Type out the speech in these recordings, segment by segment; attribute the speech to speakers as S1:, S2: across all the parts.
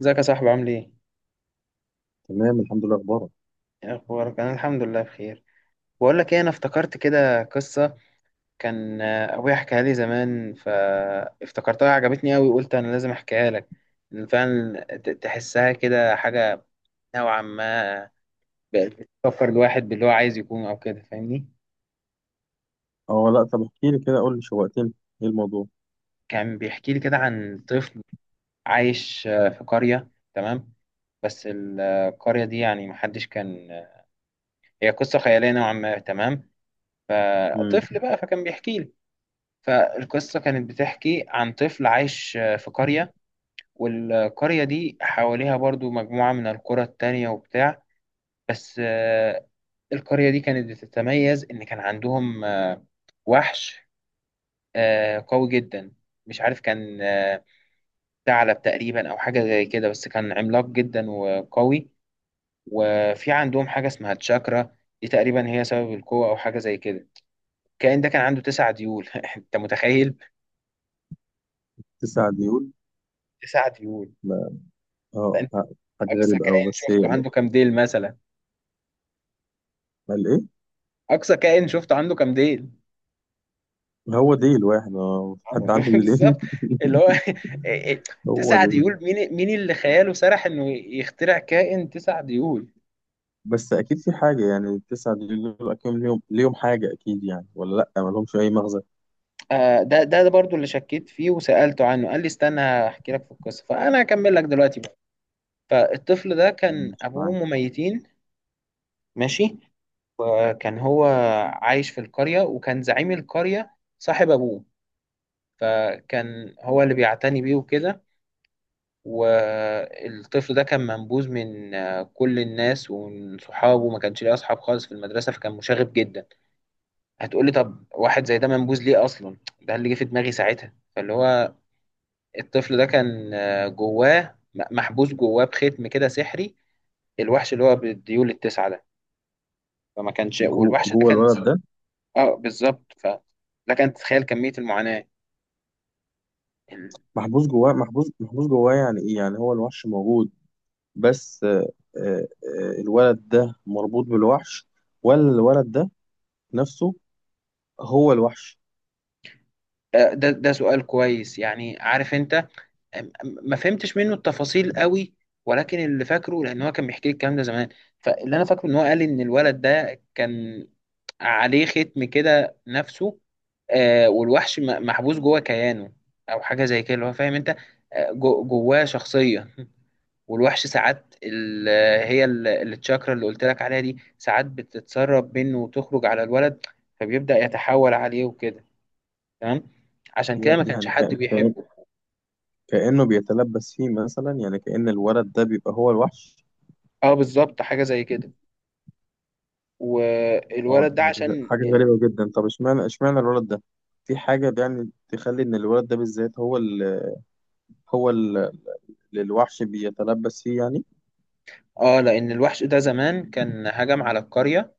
S1: ازيك يا صاحبي؟ عامل ايه؟
S2: تمام، الحمد لله. اخبارك؟
S1: إيه اخبارك؟ انا الحمد لله بخير. بقول لك ايه، انا افتكرت كده قصه كان ابويا حكاها لي زمان فافتكرتها، عجبتني قوي وقلت انا لازم احكيها لك. إن فعلا تحسها كده حاجه نوعا ما بقت بتفكر الواحد باللي هو عايز يكون، او كده فاهمني.
S2: اه، لا، طب احكي لي كده، قول لي، شوقتني. ايه الموضوع؟
S1: كان بيحكي لي كده عن طفل عايش في قريه. تمام. بس القرية دي يعني محدش كان، هي قصة خيالية نوعا ما. تمام.
S2: امم.
S1: فطفل بقى فكان بيحكي لي. فالقصة كانت بتحكي عن طفل عايش في قرية، والقرية دي حواليها برضو مجموعة من القرى التانية وبتاع. بس القرية دي كانت بتتميز إن كان عندهم وحش قوي جدا. مش عارف، كان ثعلب تقريبا أو حاجة زي كده، بس كان عملاق جدا وقوي. وفي عندهم حاجة اسمها تشاكرا، دي تقريبا هي سبب القوة أو حاجة زي كده. الكائن ده كان عنده تسع ديول أنت متخيل؟
S2: تسع ديول؟
S1: تسع ديول.
S2: لا. اه، حاجه
S1: اقصى
S2: غريبه قوي.
S1: كائن
S2: بس
S1: شفته
S2: ايه؟
S1: عنده كام ديل مثلا؟
S2: قال ايه؟
S1: اقصى كائن شفته عنده كام ديل؟
S2: هو ديل واحد، اه، حد عنده
S1: بالظبط.
S2: ديلين؟
S1: اللي هو
S2: هو
S1: تسع
S2: ديل.
S1: ديول، مين مين اللي خياله سرح انه يخترع كائن تسع ديول؟
S2: بس اكيد في حاجه، يعني التسع ديول دول اكيد ليهم حاجه، اكيد يعني، ولا لا، ما لهمش اي مغزى؟
S1: آه، ده برضو اللي شكيت فيه وسألته عنه، قال لي استنى هحكي لك في القصة، فانا هكمل لك دلوقتي بقى. فالطفل ده كان
S2: مش
S1: ابوه
S2: معاك.
S1: وامه ميتين. ماشي. كان هو عايش في القرية، وكان زعيم القرية صاحب ابوه، فكان هو اللي بيعتني بيه وكده. والطفل ده كان منبوذ من كل الناس ومن صحابه، ما كانش ليه اصحاب خالص في المدرسه، فكان مشاغب جدا. هتقولي طب واحد زي ده منبوذ ليه اصلا؟ ده اللي جه في دماغي ساعتها. فاللي هو الطفل ده كان جواه محبوس جواه بختم كده سحري، الوحش اللي هو بالديول التسعه ده. فما كانش،
S2: جو
S1: والوحش ده
S2: جوه
S1: كان،
S2: الولد ده؟
S1: اه بالظبط. ف لك ان تتخيل كميه المعاناه ال-
S2: محبوس جواه، محبوس جواه. يعني ايه؟ يعني هو الوحش موجود، بس آه، الولد ده مربوط بالوحش، ولا الولد ده نفسه هو الوحش؟
S1: آه، ده سؤال كويس يعني، عارف انت، ما فهمتش منه التفاصيل قوي، ولكن اللي فاكره، لان هو كان بيحكي لي الكلام ده زمان، فاللي انا فاكره ان هو قال لي ان الولد ده كان عليه ختم كده نفسه، آه، والوحش محبوس جوه كيانه او حاجه زي كده. اللي هو فاهم انت، جواه شخصيه والوحش ساعات هي التشاكرا اللي قلت لك عليها دي ساعات بتتسرب منه وتخرج على الولد، فبيبدأ يتحول عليه وكده. تمام. عشان كده ما كانش
S2: يعني
S1: حد بيحبه.
S2: كأنه بيتلبس فيه مثلا، يعني كأن الولد ده بيبقى هو الوحش؟
S1: اه بالظبط حاجه زي كده.
S2: اه،
S1: والولد ده
S2: ده
S1: عشان
S2: حاجة غريبة جدا. طب اشمعنى الولد ده؟ في حاجة يعني تخلي ان الولد ده بالذات هو هو ال- اللي الوحش بيتلبس فيه، يعني.
S1: اه لان الوحش ده زمان كان هجم على القرية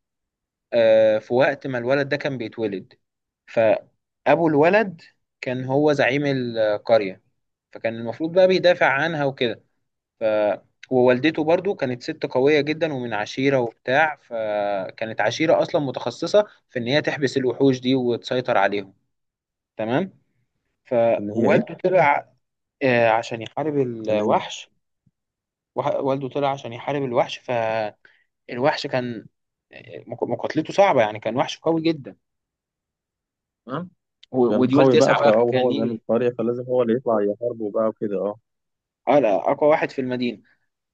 S1: في وقت ما الولد ده كان بيتولد. فأبو الولد كان هو زعيم القرية، فكان المفروض بقى بيدافع عنها وكده. ف ووالدته برضو كانت ست قوية جدا ومن عشيرة وبتاع، فكانت عشيرة أصلا متخصصة في إن هي تحبس الوحوش دي وتسيطر عليهم. تمام.
S2: ان هي
S1: فوالده
S2: ايه؟
S1: طلع عشان يحارب
S2: تمام.
S1: الوحش. والده طلع عشان يحارب الوحش، فالوحش كان مقاتلته صعبة، يعني كان وحش قوي جدا. تمام.
S2: يعني
S1: وديول
S2: القوي بقى،
S1: تسعة بقى
S2: فهو
S1: كان
S2: هو زعيم
S1: يجي.
S2: القرية، فلازم هو اللي يطلع يحاربه بقى وكده، اه.
S1: اه لا، أقوى واحد في المدينة.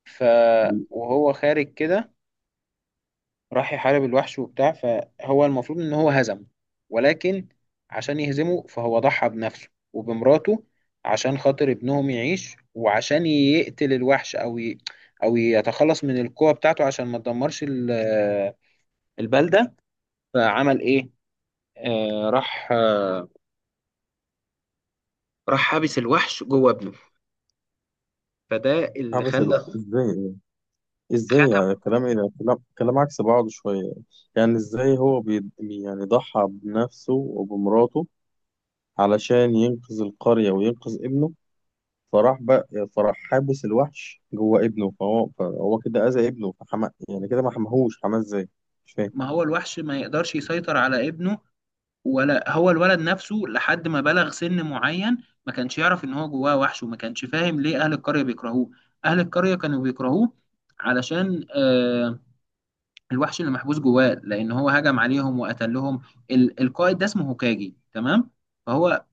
S1: ف
S2: دي-
S1: وهو خارج كده راح يحارب الوحش وبتاع، فهو المفروض إن هو هزمه، ولكن عشان يهزمه فهو ضحى بنفسه وبمراته عشان خاطر ابنهم يعيش وعشان يقتل الوحش، أو ي... أو يتخلص من القوة بتاعته عشان ما تدمرش البلدة. فعمل إيه؟ آه، راح راح حابس الوحش جوه ابنه، فده اللي
S2: حبس
S1: خلى،
S2: ازاي؟ ازاي يعني؟
S1: ختمه.
S2: الكلام ايه ده؟ كلام عكس بعضه شوية. يعني ازاي هو يعني ضحى بنفسه وبمراته علشان ينقذ القرية وينقذ ابنه؟ فراح بقى فراح حابس الوحش جوه ابنه، فهو كده أذى ابنه. يعني كده، ما حماهوش. حماه ازاي؟ مش فاهم.
S1: ما هو الوحش ما يقدرش يسيطر على ابنه ولا هو الولد نفسه، لحد ما بلغ سن معين ما كانش يعرف ان هو جواه وحش، وما كانش فاهم ليه اهل القرية بيكرهوه. اهل القرية كانوا بيكرهوه علشان آه، الوحش اللي محبوس جواه، لان هو هجم عليهم وقتلهم. القائد ده اسمه هوكاجي. تمام. فهو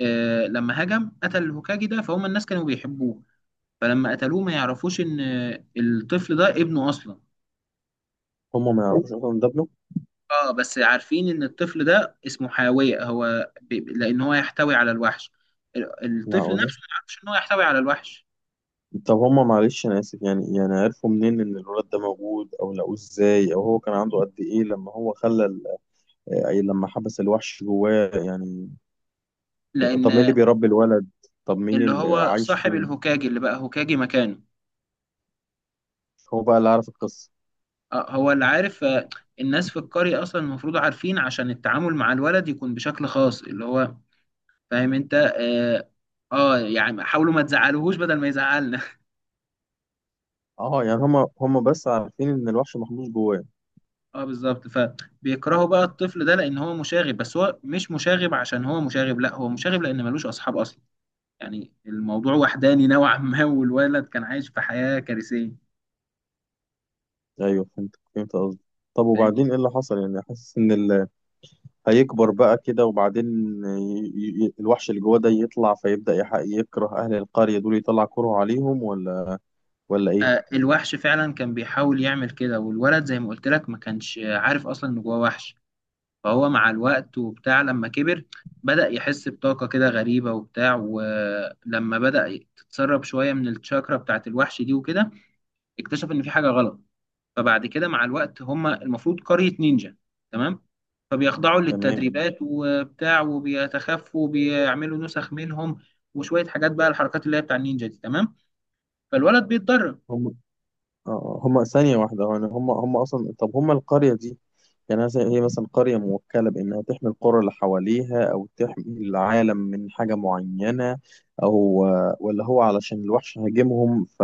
S1: لما هجم قتل الهوكاجي ده، فهم الناس كانوا بيحبوه، فلما قتلوه ما يعرفوش ان الطفل ده ابنه اصلا.
S2: هما ما يعرفوش اصلا إن ده ابنه؟
S1: اه بس عارفين ان الطفل ده اسمه حاوية، هو ب... لان هو يحتوي على الوحش. الطفل
S2: معقولة؟
S1: نفسه ما يعرفش ان هو يحتوي على الوحش.
S2: طب هما، معلش انا اسف، يعني عرفوا منين ان الولاد ده موجود، او لقوه ازاي، او هو كان عنده قد ايه لما هو خلى ال- أي لما حبس الوحش جواه يعني؟
S1: لان
S2: طب مين اللي بيربي الولد؟ طب مين
S1: اللي
S2: اللي
S1: هو
S2: عايش
S1: صاحب
S2: فين؟
S1: الهوكاجي اللي بقى هوكاجي مكانه،
S2: هو بقى اللي عارف القصة؟
S1: آه هو اللي عارف. الناس في القرية اصلا المفروض عارفين عشان التعامل مع الولد يكون بشكل خاص. اللي هو فاهم انت اه, آه يعني حاولوا ما تزعلوهوش بدل ما يزعلنا.
S2: اه، يعني هما بس عارفين ان الوحش محبوس جواه.
S1: اه بالظبط، فبيكرهوا بقى الطفل ده لان هو مشاغب، بس هو مش مشاغب عشان هو مشاغب، لا، هو مشاغب لان ملوش اصحاب اصلا. يعني الموضوع وحداني نوعا ما والولد كان عايش في حياة كارثية.
S2: ايوه، فهمت قصدي. طب
S1: فاهم.
S2: وبعدين ايه اللي حصل؟ يعني حاسس ان هيكبر بقى كده، وبعدين ي... الوحش اللي جواه ده يطلع فيبدأ يكره اهل القرية دول، يطلع كره عليهم؟ ولا ايه؟
S1: آه الوحش فعلا كان بيحاول يعمل كده، والولد زي ما قلت لك ما كانش عارف اصلا ان جواه وحش. فهو مع الوقت وبتاع لما كبر بدأ يحس بطاقة كده غريبة وبتاع، ولما بدأ تتسرب شوية من الشاكرا بتاعت الوحش دي وكده اكتشف ان في حاجة غلط. فبعد كده مع الوقت، هم المفروض قرية نينجا. تمام. فبيخضعوا
S2: تمام.
S1: للتدريبات وبتاع، وبيتخفوا، وبيعملوا نسخ منهم، وشوية حاجات بقى الحركات اللي هي بتاع النينجا دي. تمام. فالولد بيتدرب.
S2: هم، اه هم، ثانية واحدة، يعني هم أصلا، طب هم القرية دي، يعني مثلا هي، مثلا، قرية موكلة بإنها تحمي القرى اللي حواليها، أو تحمي العالم من حاجة معينة، أو ولا هو علشان الوحش هاجمهم، ف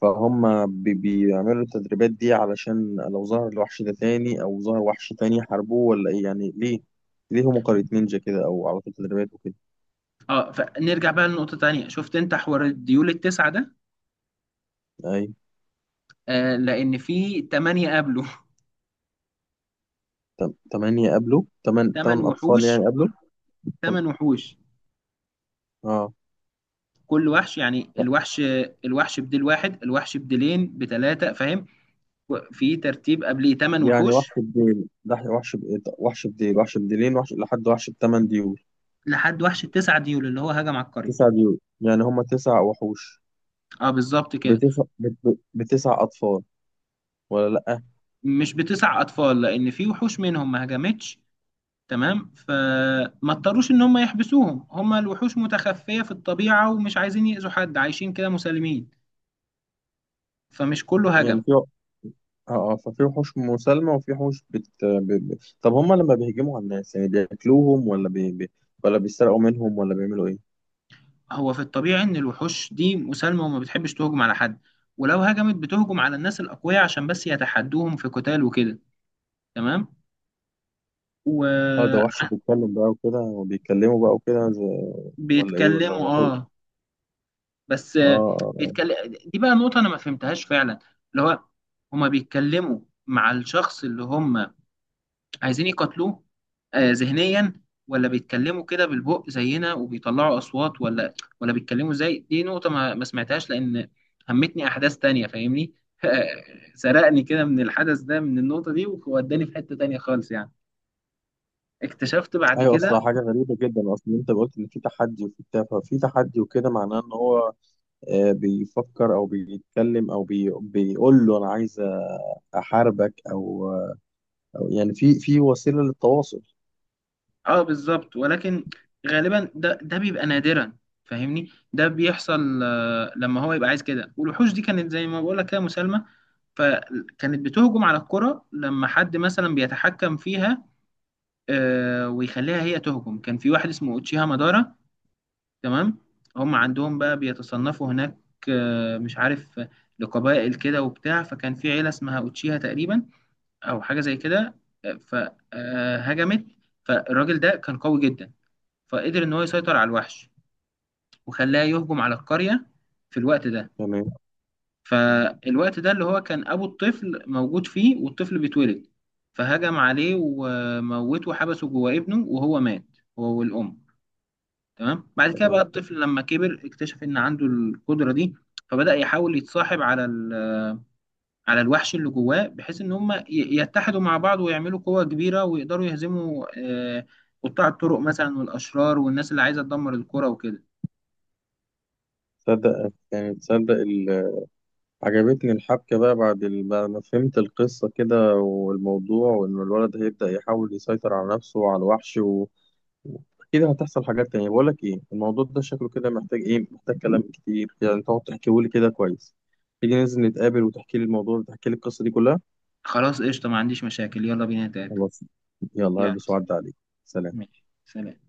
S2: فهم بيعملوا التدريبات دي علشان لو ظهر الوحش ده تاني أو ظهر وحش تاني يحاربوه، ولا إيه يعني؟ ليه؟ ليه هم قرية نينجا كده، أو على طول تدريبات وكده؟
S1: اه فنرجع بقى لنقطة تانية، شفت انت حوار الديول التسعة ده،
S2: أيوة.
S1: آه لأن في تمانية قبله.
S2: تمانية قبلوا؟ تمن
S1: تمن
S2: تمن أطفال
S1: وحوش.
S2: يعني
S1: كل
S2: قبلوا؟ تم-
S1: تمن وحوش
S2: اه.
S1: كل وحش يعني الوحش، الوحش بديل واحد، الوحش بديلين، بتلاتة فاهم، في ترتيب قبليه تمن
S2: يعني وحش
S1: وحوش،
S2: بديل ده؟ وحش بإيه ده؟ وحش بديل، وحش بديلين، وحش لحد وحش بتمن ديول؟
S1: لحد وحش التسعة ديول اللي هو هجم على القرية.
S2: تسع ديول يعني هما تسع وحوش؟
S1: اه بالظبط كده.
S2: بتسع أطفال، ولا لأ؟
S1: مش بتسع اطفال، لان في وحوش منهم ما هجمتش. تمام. فما اضطروش ان هم يحبسوهم، هم الوحوش متخفية في الطبيعة ومش عايزين يأذوا حد، عايشين كده مسالمين. فمش كله هجم.
S2: يعني في اه آه، ففي وحوش مسالمة وفي وحوش طب هما لما بيهجموا على الناس يعني بياكلوهم، ولا بيسرقوا منهم، ولا بيعملوا ايه؟
S1: هو في الطبيعي ان الوحوش دي مسالمة وما بتحبش تهجم على حد، ولو هجمت بتهجم على الناس الأقوياء عشان بس يتحدوهم في قتال وكده. تمام.
S2: اه، ده وحش
S1: وبيتكلموا.
S2: بيتكلم بقى وكده، وبيتكلموا بقى وكده، زي... ولا ايه؟ ولا هو وحوش؟
S1: اه بس
S2: اه. آه. آه.
S1: بيتكلم. دي بقى نقطة أنا ما فهمتهاش فعلا. اللي هو هما بيتكلموا مع الشخص اللي هم عايزين يقاتلوه ذهنيا، ولا بيتكلموا كده بالبق زينا وبيطلعوا أصوات، ولا بيتكلموا زي، دي نقطة ما سمعتهاش، لأن همتني أحداث تانية فاهمني سرقني كده من الحدث ده من النقطة دي ووداني في حتة تانية خالص يعني. اكتشفت بعد
S2: ايوه، اصلا
S1: كده.
S2: حاجة غريبة جدا. اصلا انت قلت ان في تحدي وفي بتاع. ففي تحدي وكده معناه ان هو، بيفكر او بيتكلم، او بيقول له انا عايز احاربك، او أو يعني في وسيله للتواصل.
S1: اه بالظبط، ولكن غالبا ده بيبقى نادرا فاهمني. ده بيحصل لما هو يبقى عايز كده، والوحوش دي كانت زي ما بقول لك كده مسالمه، فكانت بتهجم على الكره لما حد مثلا بيتحكم فيها ويخليها هي تهجم. كان في واحد اسمه اوتشيها مادارا. تمام. هم عندهم بقى بيتصنفوا هناك، مش عارف، لقبائل كده وبتاع، فكان في عيله اسمها اوتشيها تقريبا او حاجه زي كده. فهجمت. فالراجل ده كان قوي جدا، فقدر ان هو يسيطر على الوحش وخلاه يهجم على القرية في الوقت ده.
S2: تمام،
S1: فالوقت ده اللي هو كان ابو الطفل موجود فيه والطفل بيتولد، فهجم عليه وموته وحبسه جوه ابنه وهو مات، هو والام. تمام. بعد كده بقى
S2: تمام.
S1: الطفل لما كبر اكتشف ان عنده القدرة دي، فبدأ يحاول يتصاحب على على الوحش اللي جواه بحيث ان هم يتحدوا مع بعض ويعملوا قوة كبيرة ويقدروا يهزموا قطاع الطرق مثلا والاشرار والناس اللي عايزة تدمر القرى وكده.
S2: تصدق، يعني عجبتني الحبكه بقى، بعد ما فهمت القصه كده والموضوع، وان الولد هيبدا يحاول يسيطر على نفسه وعلى الوحش اكيد هتحصل حاجات تانية. بقول لك ايه، الموضوع ده شكله كده محتاج ايه؟ محتاج كلام كتير يعني، تقعد تحكيه لي كده كويس. تيجي ننزل نتقابل، وتحكي لي الموضوع، وتحكي لي القصه دي كلها؟
S1: خلاص قشطة، ما عنديش مشاكل، يلا بينا نتقابل.
S2: خلاص. يلا،
S1: يلا.
S2: هلبس. وعد عليك. سلام.
S1: ماشي، سلام.